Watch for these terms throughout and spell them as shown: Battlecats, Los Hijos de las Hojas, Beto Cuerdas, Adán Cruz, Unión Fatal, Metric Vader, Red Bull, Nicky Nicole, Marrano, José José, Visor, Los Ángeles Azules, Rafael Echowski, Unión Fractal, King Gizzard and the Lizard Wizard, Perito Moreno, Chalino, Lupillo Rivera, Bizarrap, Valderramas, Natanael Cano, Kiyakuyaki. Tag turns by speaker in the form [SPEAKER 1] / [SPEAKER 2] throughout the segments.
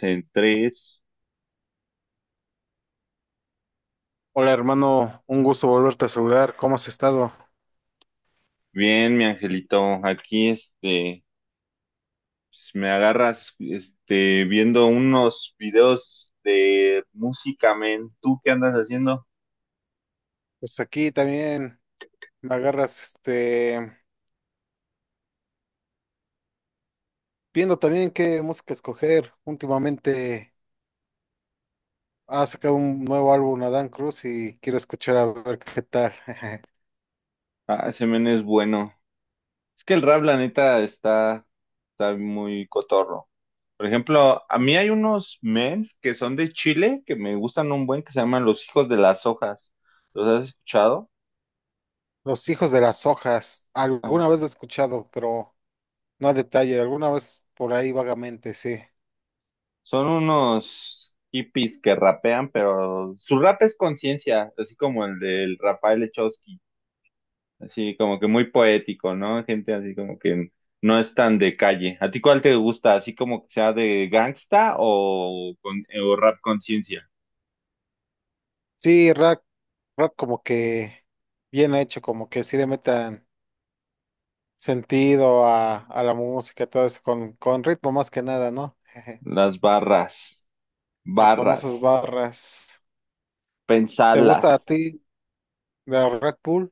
[SPEAKER 1] En tres.
[SPEAKER 2] Hola hermano, un gusto volverte a saludar. ¿Cómo has estado?
[SPEAKER 1] Bien, mi angelito, aquí pues, me agarras viendo unos videos de música, men. ¿Tú qué andas haciendo?
[SPEAKER 2] Pues aquí también me agarras, viendo también qué música escoger. Últimamente ha sacado un nuevo álbum Adán Cruz y quiero escuchar a ver qué tal.
[SPEAKER 1] Ah, ese men es bueno. Es que el rap, la neta, está muy cotorro. Por ejemplo, a mí hay unos mens que son de Chile que me gustan un buen que se llaman Los Hijos de las Hojas. ¿Los has escuchado?
[SPEAKER 2] Los Hijos de las Hojas. Alguna vez lo he escuchado, pero no a detalle. Alguna vez por ahí vagamente, sí.
[SPEAKER 1] Son unos hippies que rapean, pero su rap es conciencia, así como el del Rafael Echowski, así como que muy poético, ¿no? Gente así como que no es tan de calle. ¿A ti cuál te gusta? ¿Así como que sea de gangsta o, o rap conciencia?
[SPEAKER 2] Sí, rap como que bien hecho, como que sí le metan sentido a la música, todo eso, con ritmo más que nada, ¿no? Jeje.
[SPEAKER 1] Las barras,
[SPEAKER 2] Las
[SPEAKER 1] barras,
[SPEAKER 2] famosas barras. ¿Te gusta a
[SPEAKER 1] pensalas.
[SPEAKER 2] ti de Red Bull?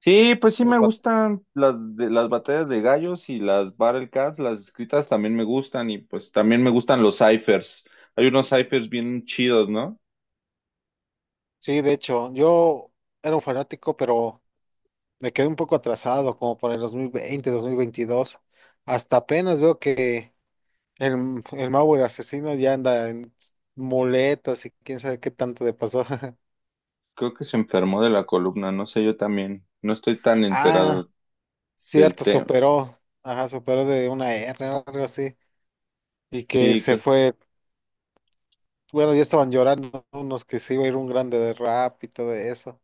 [SPEAKER 1] Sí, pues sí
[SPEAKER 2] Los
[SPEAKER 1] me
[SPEAKER 2] bat-
[SPEAKER 1] gustan las, las batallas de gallos y las Battlecats, las escritas también me gustan y pues también me gustan los ciphers. Hay unos ciphers bien chidos, ¿no?
[SPEAKER 2] sí, de hecho, yo era un fanático, pero me quedé un poco atrasado, como por el dos 2020, 2022. Hasta apenas veo que el Mauer asesino ya anda en muletas y quién sabe qué tanto le pasó.
[SPEAKER 1] Creo que se enfermó de la columna, no sé, yo también. No estoy tan
[SPEAKER 2] Ah,
[SPEAKER 1] enterado del
[SPEAKER 2] cierto,
[SPEAKER 1] tema.
[SPEAKER 2] superó. Ajá, superó de una R o algo así. Y que
[SPEAKER 1] Sí,
[SPEAKER 2] se fue. Bueno, ya estaban llorando unos que se iba a ir un grande de rap y todo eso.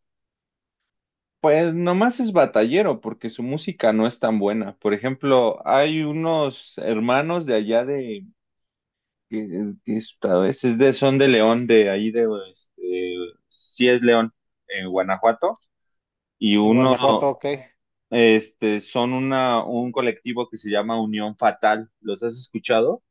[SPEAKER 1] pues nomás es batallero porque su música no es tan buena. Por ejemplo, hay unos hermanos de allá de, que a veces de, son de León, de ahí de, sí es León, en Guanajuato y
[SPEAKER 2] En
[SPEAKER 1] uno,
[SPEAKER 2] Guanajuato, ok.
[SPEAKER 1] son un colectivo que se llama Unión Fatal. ¿Los has escuchado?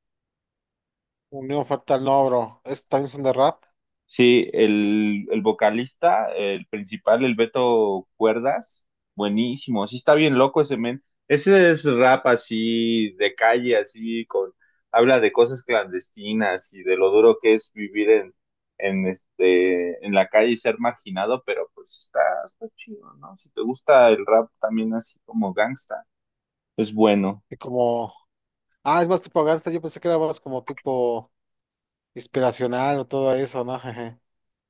[SPEAKER 2] Unión Fractal no, bro. Estos también son de rap.
[SPEAKER 1] Sí, el vocalista, el principal, el Beto Cuerdas, buenísimo. Sí, está bien loco ese men. Ese es rap así de calle, así habla de cosas clandestinas y de lo duro que es vivir en la calle y ser marginado, pero pues está chido, ¿no? Si te gusta el rap también así como gangsta, es bueno.
[SPEAKER 2] Y como. Ah, es más tipo gangsta. Yo pensé que era más como tipo inspiracional o todo eso, ¿no? Jeje.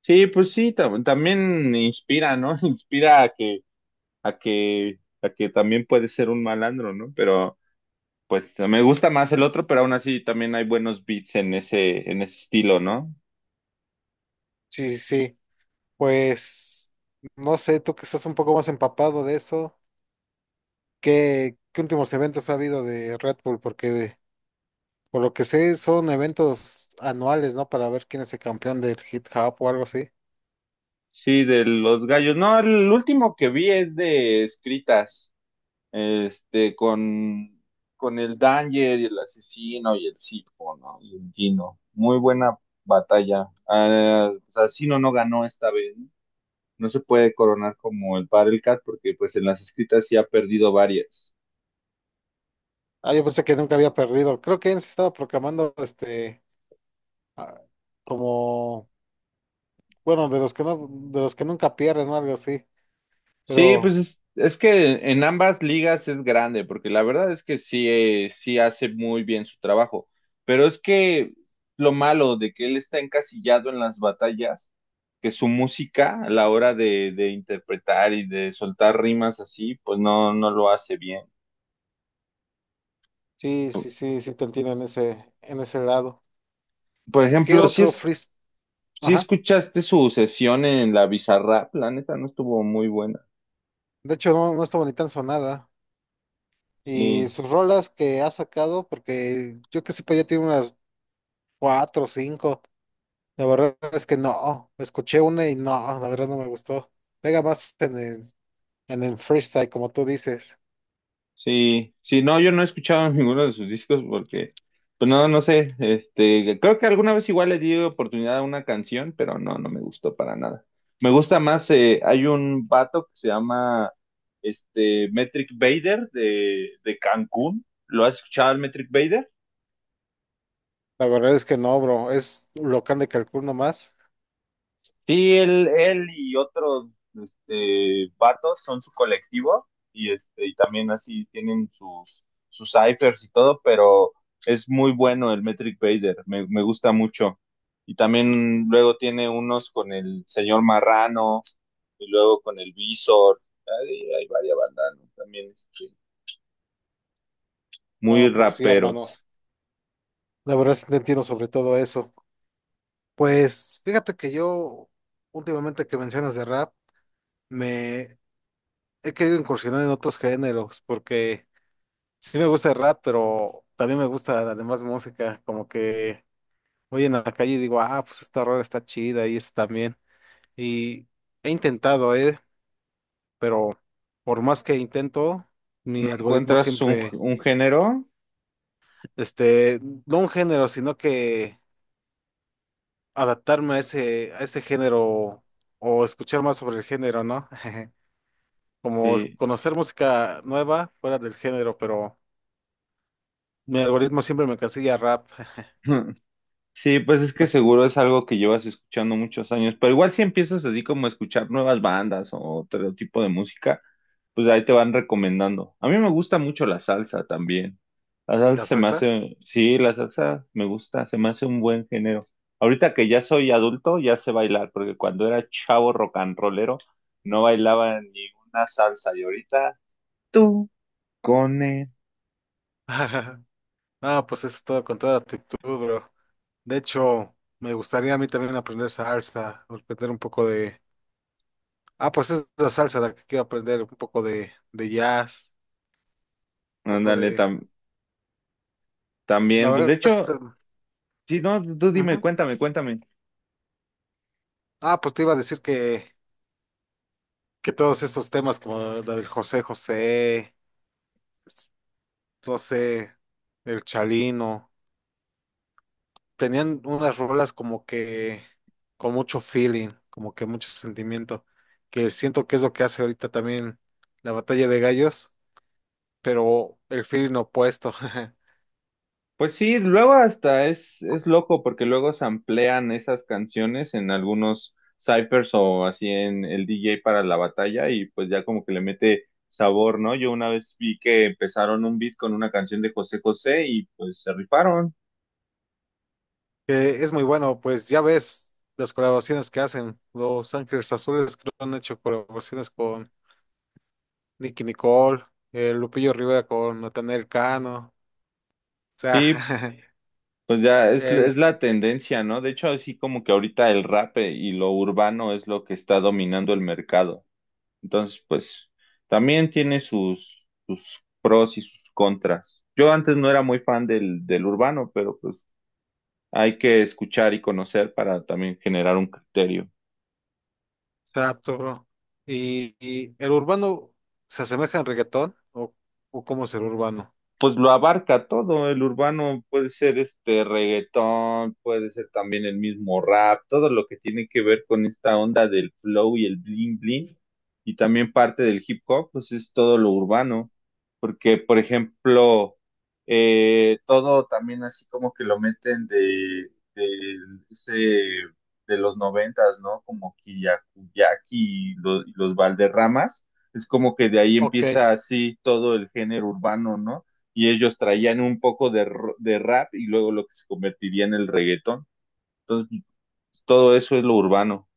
[SPEAKER 1] Sí, pues sí, también inspira, ¿no? Inspira a que también puede ser un malandro, ¿no? Pero pues me gusta más el otro, pero aún así también hay buenos beats en ese estilo, ¿no?
[SPEAKER 2] Sí, sí, sí. Pues, no sé, tú que estás un poco más empapado de eso. ¿Qué, qué últimos eventos ha habido de Red Bull? Porque por lo que sé, son eventos anuales, ¿no? Para ver quién es el campeón del hip hop o algo así.
[SPEAKER 1] Sí, de los gallos. No, el último que vi es de escritas, este, con, con el Danger y el asesino y el Sifo, ¿no? Y el Gino. Muy buena batalla. Ah, asesino no ganó esta vez, no se puede coronar como el Cat porque pues en las escritas sí ha perdido varias.
[SPEAKER 2] Ah, yo pensé que nunca había perdido. Creo que él se estaba proclamando ah, como bueno, de los que no, de los que nunca pierden o algo así.
[SPEAKER 1] Sí, pues
[SPEAKER 2] Pero
[SPEAKER 1] es que en ambas ligas es grande, porque la verdad es que sí, sí hace muy bien su trabajo, pero es que lo malo de que él está encasillado en las batallas, que su música a la hora de interpretar y de soltar rimas así, pues no, no lo hace bien.
[SPEAKER 2] sí,
[SPEAKER 1] Por,
[SPEAKER 2] sí, sí, sí te entiendo en ese lado. ¿Qué
[SPEAKER 1] ejemplo, si,
[SPEAKER 2] otro
[SPEAKER 1] es,
[SPEAKER 2] freestyle?
[SPEAKER 1] si
[SPEAKER 2] Ajá.
[SPEAKER 1] escuchaste su sesión en la Bizarrap, la neta no estuvo muy buena.
[SPEAKER 2] De hecho, no, no estuvo ni tan sonada. Y
[SPEAKER 1] Sí.
[SPEAKER 2] sus rolas que ha sacado, porque yo que sepa ya tiene unas cuatro o cinco. La verdad es que no. Escuché una y no, la verdad no me gustó. Pega más en el freestyle, como tú dices.
[SPEAKER 1] Sí, sí, no, yo no he escuchado ninguno de sus discos porque, pues no, no sé, creo que alguna vez igual le di oportunidad a una canción, pero no, no me gustó para nada. Me gusta más, hay un vato que se llama, Metric Vader de Cancún, ¿lo has escuchado, el Metric Vader?
[SPEAKER 2] La verdad es que no, bro. Es local de Cancún nomás.
[SPEAKER 1] Sí, él y otros vatos son su colectivo y también así tienen sus ciphers y todo, pero es muy bueno el Metric Vader, me gusta mucho. Y también luego tiene unos con el señor Marrano y luego con el Visor. Hay varias bandas, ¿no? También muy
[SPEAKER 2] No, pues sí, hermano.
[SPEAKER 1] raperos.
[SPEAKER 2] La verdad sí te entiendo sobre todo eso. Pues fíjate que yo, últimamente que mencionas de rap, me he querido incursionar en otros géneros, porque sí me gusta el rap, pero también me gusta la demás música. Como que voy en la calle y digo, ah, pues esta rola está chida y esta también. Y he intentado, pero por más que intento, mi algoritmo
[SPEAKER 1] ¿Encuentras un,
[SPEAKER 2] siempre.
[SPEAKER 1] un género?
[SPEAKER 2] este, no un género, sino que adaptarme a ese género o escuchar más sobre el género, ¿no? Como
[SPEAKER 1] Sí.
[SPEAKER 2] conocer música nueva fuera del género, pero mi algoritmo siempre me cancilla rap.
[SPEAKER 1] Sí, pues es que
[SPEAKER 2] ¿Es
[SPEAKER 1] seguro es algo que llevas escuchando muchos años, pero igual si empiezas así como a escuchar nuevas bandas o otro tipo de música, pues ahí te van recomendando. A mí me gusta mucho la salsa también. La
[SPEAKER 2] ¿La
[SPEAKER 1] salsa se me
[SPEAKER 2] salsa?
[SPEAKER 1] hace, sí, la salsa me gusta, se me hace un buen género. Ahorita que ya soy adulto, ya sé bailar, porque cuando era chavo rock and rollero, no bailaba ni una salsa. Y ahorita, tú, cone,
[SPEAKER 2] Ah, pues es todo con toda actitud, bro. De hecho, me gustaría a mí también aprender salsa, aprender un poco de... Ah, pues es la salsa la que quiero aprender, un poco de jazz, un poco
[SPEAKER 1] ándale,
[SPEAKER 2] de... La
[SPEAKER 1] también, pues de
[SPEAKER 2] verdad es...
[SPEAKER 1] hecho, sí, no, tú dime,
[SPEAKER 2] Ujú.
[SPEAKER 1] cuéntame, cuéntame.
[SPEAKER 2] Ah, pues te iba a decir que todos estos temas como la del José José, no sé, el Chalino, tenían unas rolas como que con mucho feeling, como que mucho sentimiento, que siento que es lo que hace ahorita también la batalla de gallos, pero el feeling opuesto.
[SPEAKER 1] Pues sí, luego hasta es loco porque luego samplean esas canciones en algunos cyphers o así en el DJ para la batalla y pues ya como que le mete sabor, ¿no? Yo una vez vi que empezaron un beat con una canción de José José y pues se rifaron.
[SPEAKER 2] Que es muy bueno, pues ya ves las colaboraciones que hacen, Los Ángeles Azules creo que han hecho colaboraciones con Nicky Nicole, Lupillo Rivera con Natanael Cano. Sea,
[SPEAKER 1] Sí, pues ya es,
[SPEAKER 2] el,
[SPEAKER 1] es la tendencia, ¿no? De hecho, así como que ahorita el rap y lo urbano es lo que está dominando el mercado. Entonces, pues también tiene sus pros y sus contras. Yo antes no era muy fan del urbano, pero pues hay que escuchar y conocer para también generar un criterio.
[SPEAKER 2] exacto, bro. Y el urbano se asemeja al reggaetón o cómo es el urbano.
[SPEAKER 1] Pues lo abarca todo, el urbano puede ser este reggaetón, puede ser también el mismo rap, todo lo que tiene que ver con esta onda del flow y el bling bling, y también parte del hip hop, pues es todo lo urbano, porque por ejemplo, todo también así como que lo meten de ese de los noventas, ¿no? Como Kiyakuyaki y y los Valderramas, es como que de ahí
[SPEAKER 2] Ok,
[SPEAKER 1] empieza
[SPEAKER 2] es
[SPEAKER 1] así todo el género urbano, ¿no? Y ellos traían un poco de rap y luego lo que se convertiría en el reggaetón. Entonces, todo eso es lo urbano.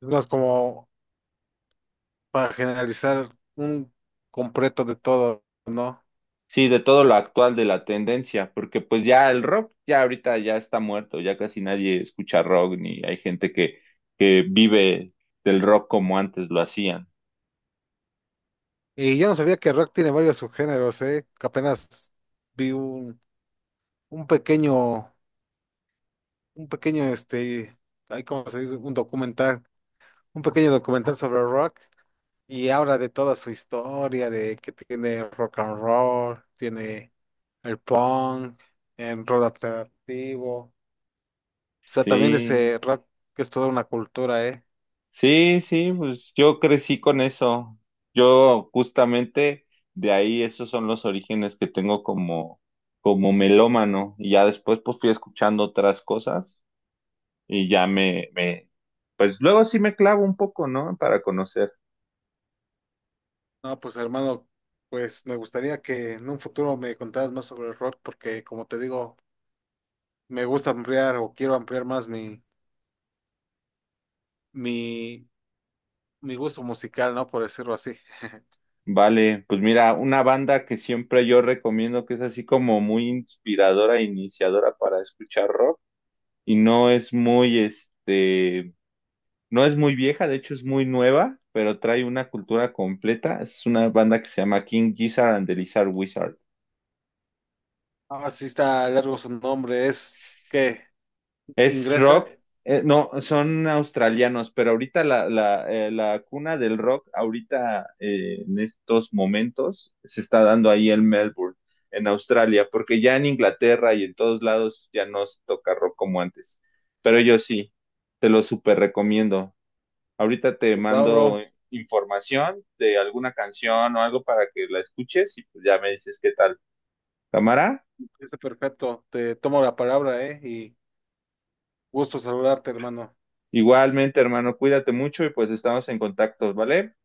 [SPEAKER 2] más como para generalizar un completo de todo, ¿no?
[SPEAKER 1] Sí, de todo lo actual de la tendencia, porque pues ya el rock ya ahorita ya está muerto, ya casi nadie escucha rock ni hay gente que vive del rock como antes lo hacían.
[SPEAKER 2] Y yo no sabía que rock tiene varios subgéneros, ¿eh? Que apenas vi un pequeño, un pequeño, este, ahí cómo se dice, un documental, un pequeño documental sobre rock. Y habla de toda su historia, de que tiene rock and roll, tiene el punk, el rock alternativo. O sea, también
[SPEAKER 1] Sí.
[SPEAKER 2] ese rock que es toda una cultura, ¿eh?
[SPEAKER 1] Sí, sí, pues yo crecí con eso. Yo justamente de ahí esos son los orígenes que tengo como melómano. Y ya después pues fui escuchando otras cosas y ya pues luego sí me clavo un poco, ¿no? Para conocer.
[SPEAKER 2] No, pues hermano, pues me gustaría que en un futuro me contaras más sobre el rock, porque como te digo, me gusta ampliar o quiero ampliar más mi, mi gusto musical, ¿no? Por decirlo así.
[SPEAKER 1] Vale, pues mira, una banda que siempre yo recomiendo que es así como muy inspiradora e iniciadora para escuchar rock y no es muy este No es muy vieja, de hecho es muy nueva, pero trae una cultura completa. Es una banda que se llama King Gizzard and the Lizard Wizard.
[SPEAKER 2] Ah, sí está largo su nombre, es qué
[SPEAKER 1] Es
[SPEAKER 2] ingresa.
[SPEAKER 1] rock, no, son australianos, pero ahorita la cuna del rock, ahorita en estos momentos, se está dando ahí en Melbourne, en Australia, porque ya en Inglaterra y en todos lados ya no se toca rock como antes. Pero yo sí, te lo súper recomiendo. Ahorita te
[SPEAKER 2] Pues va,
[SPEAKER 1] mando
[SPEAKER 2] bro.
[SPEAKER 1] información de alguna canción o algo para que la escuches y pues ya me dices qué tal. Cámara,
[SPEAKER 2] Está perfecto, te tomo la palabra, ¿eh? Y gusto saludarte, hermano.
[SPEAKER 1] igualmente, hermano, cuídate mucho y pues estamos en contacto, ¿vale?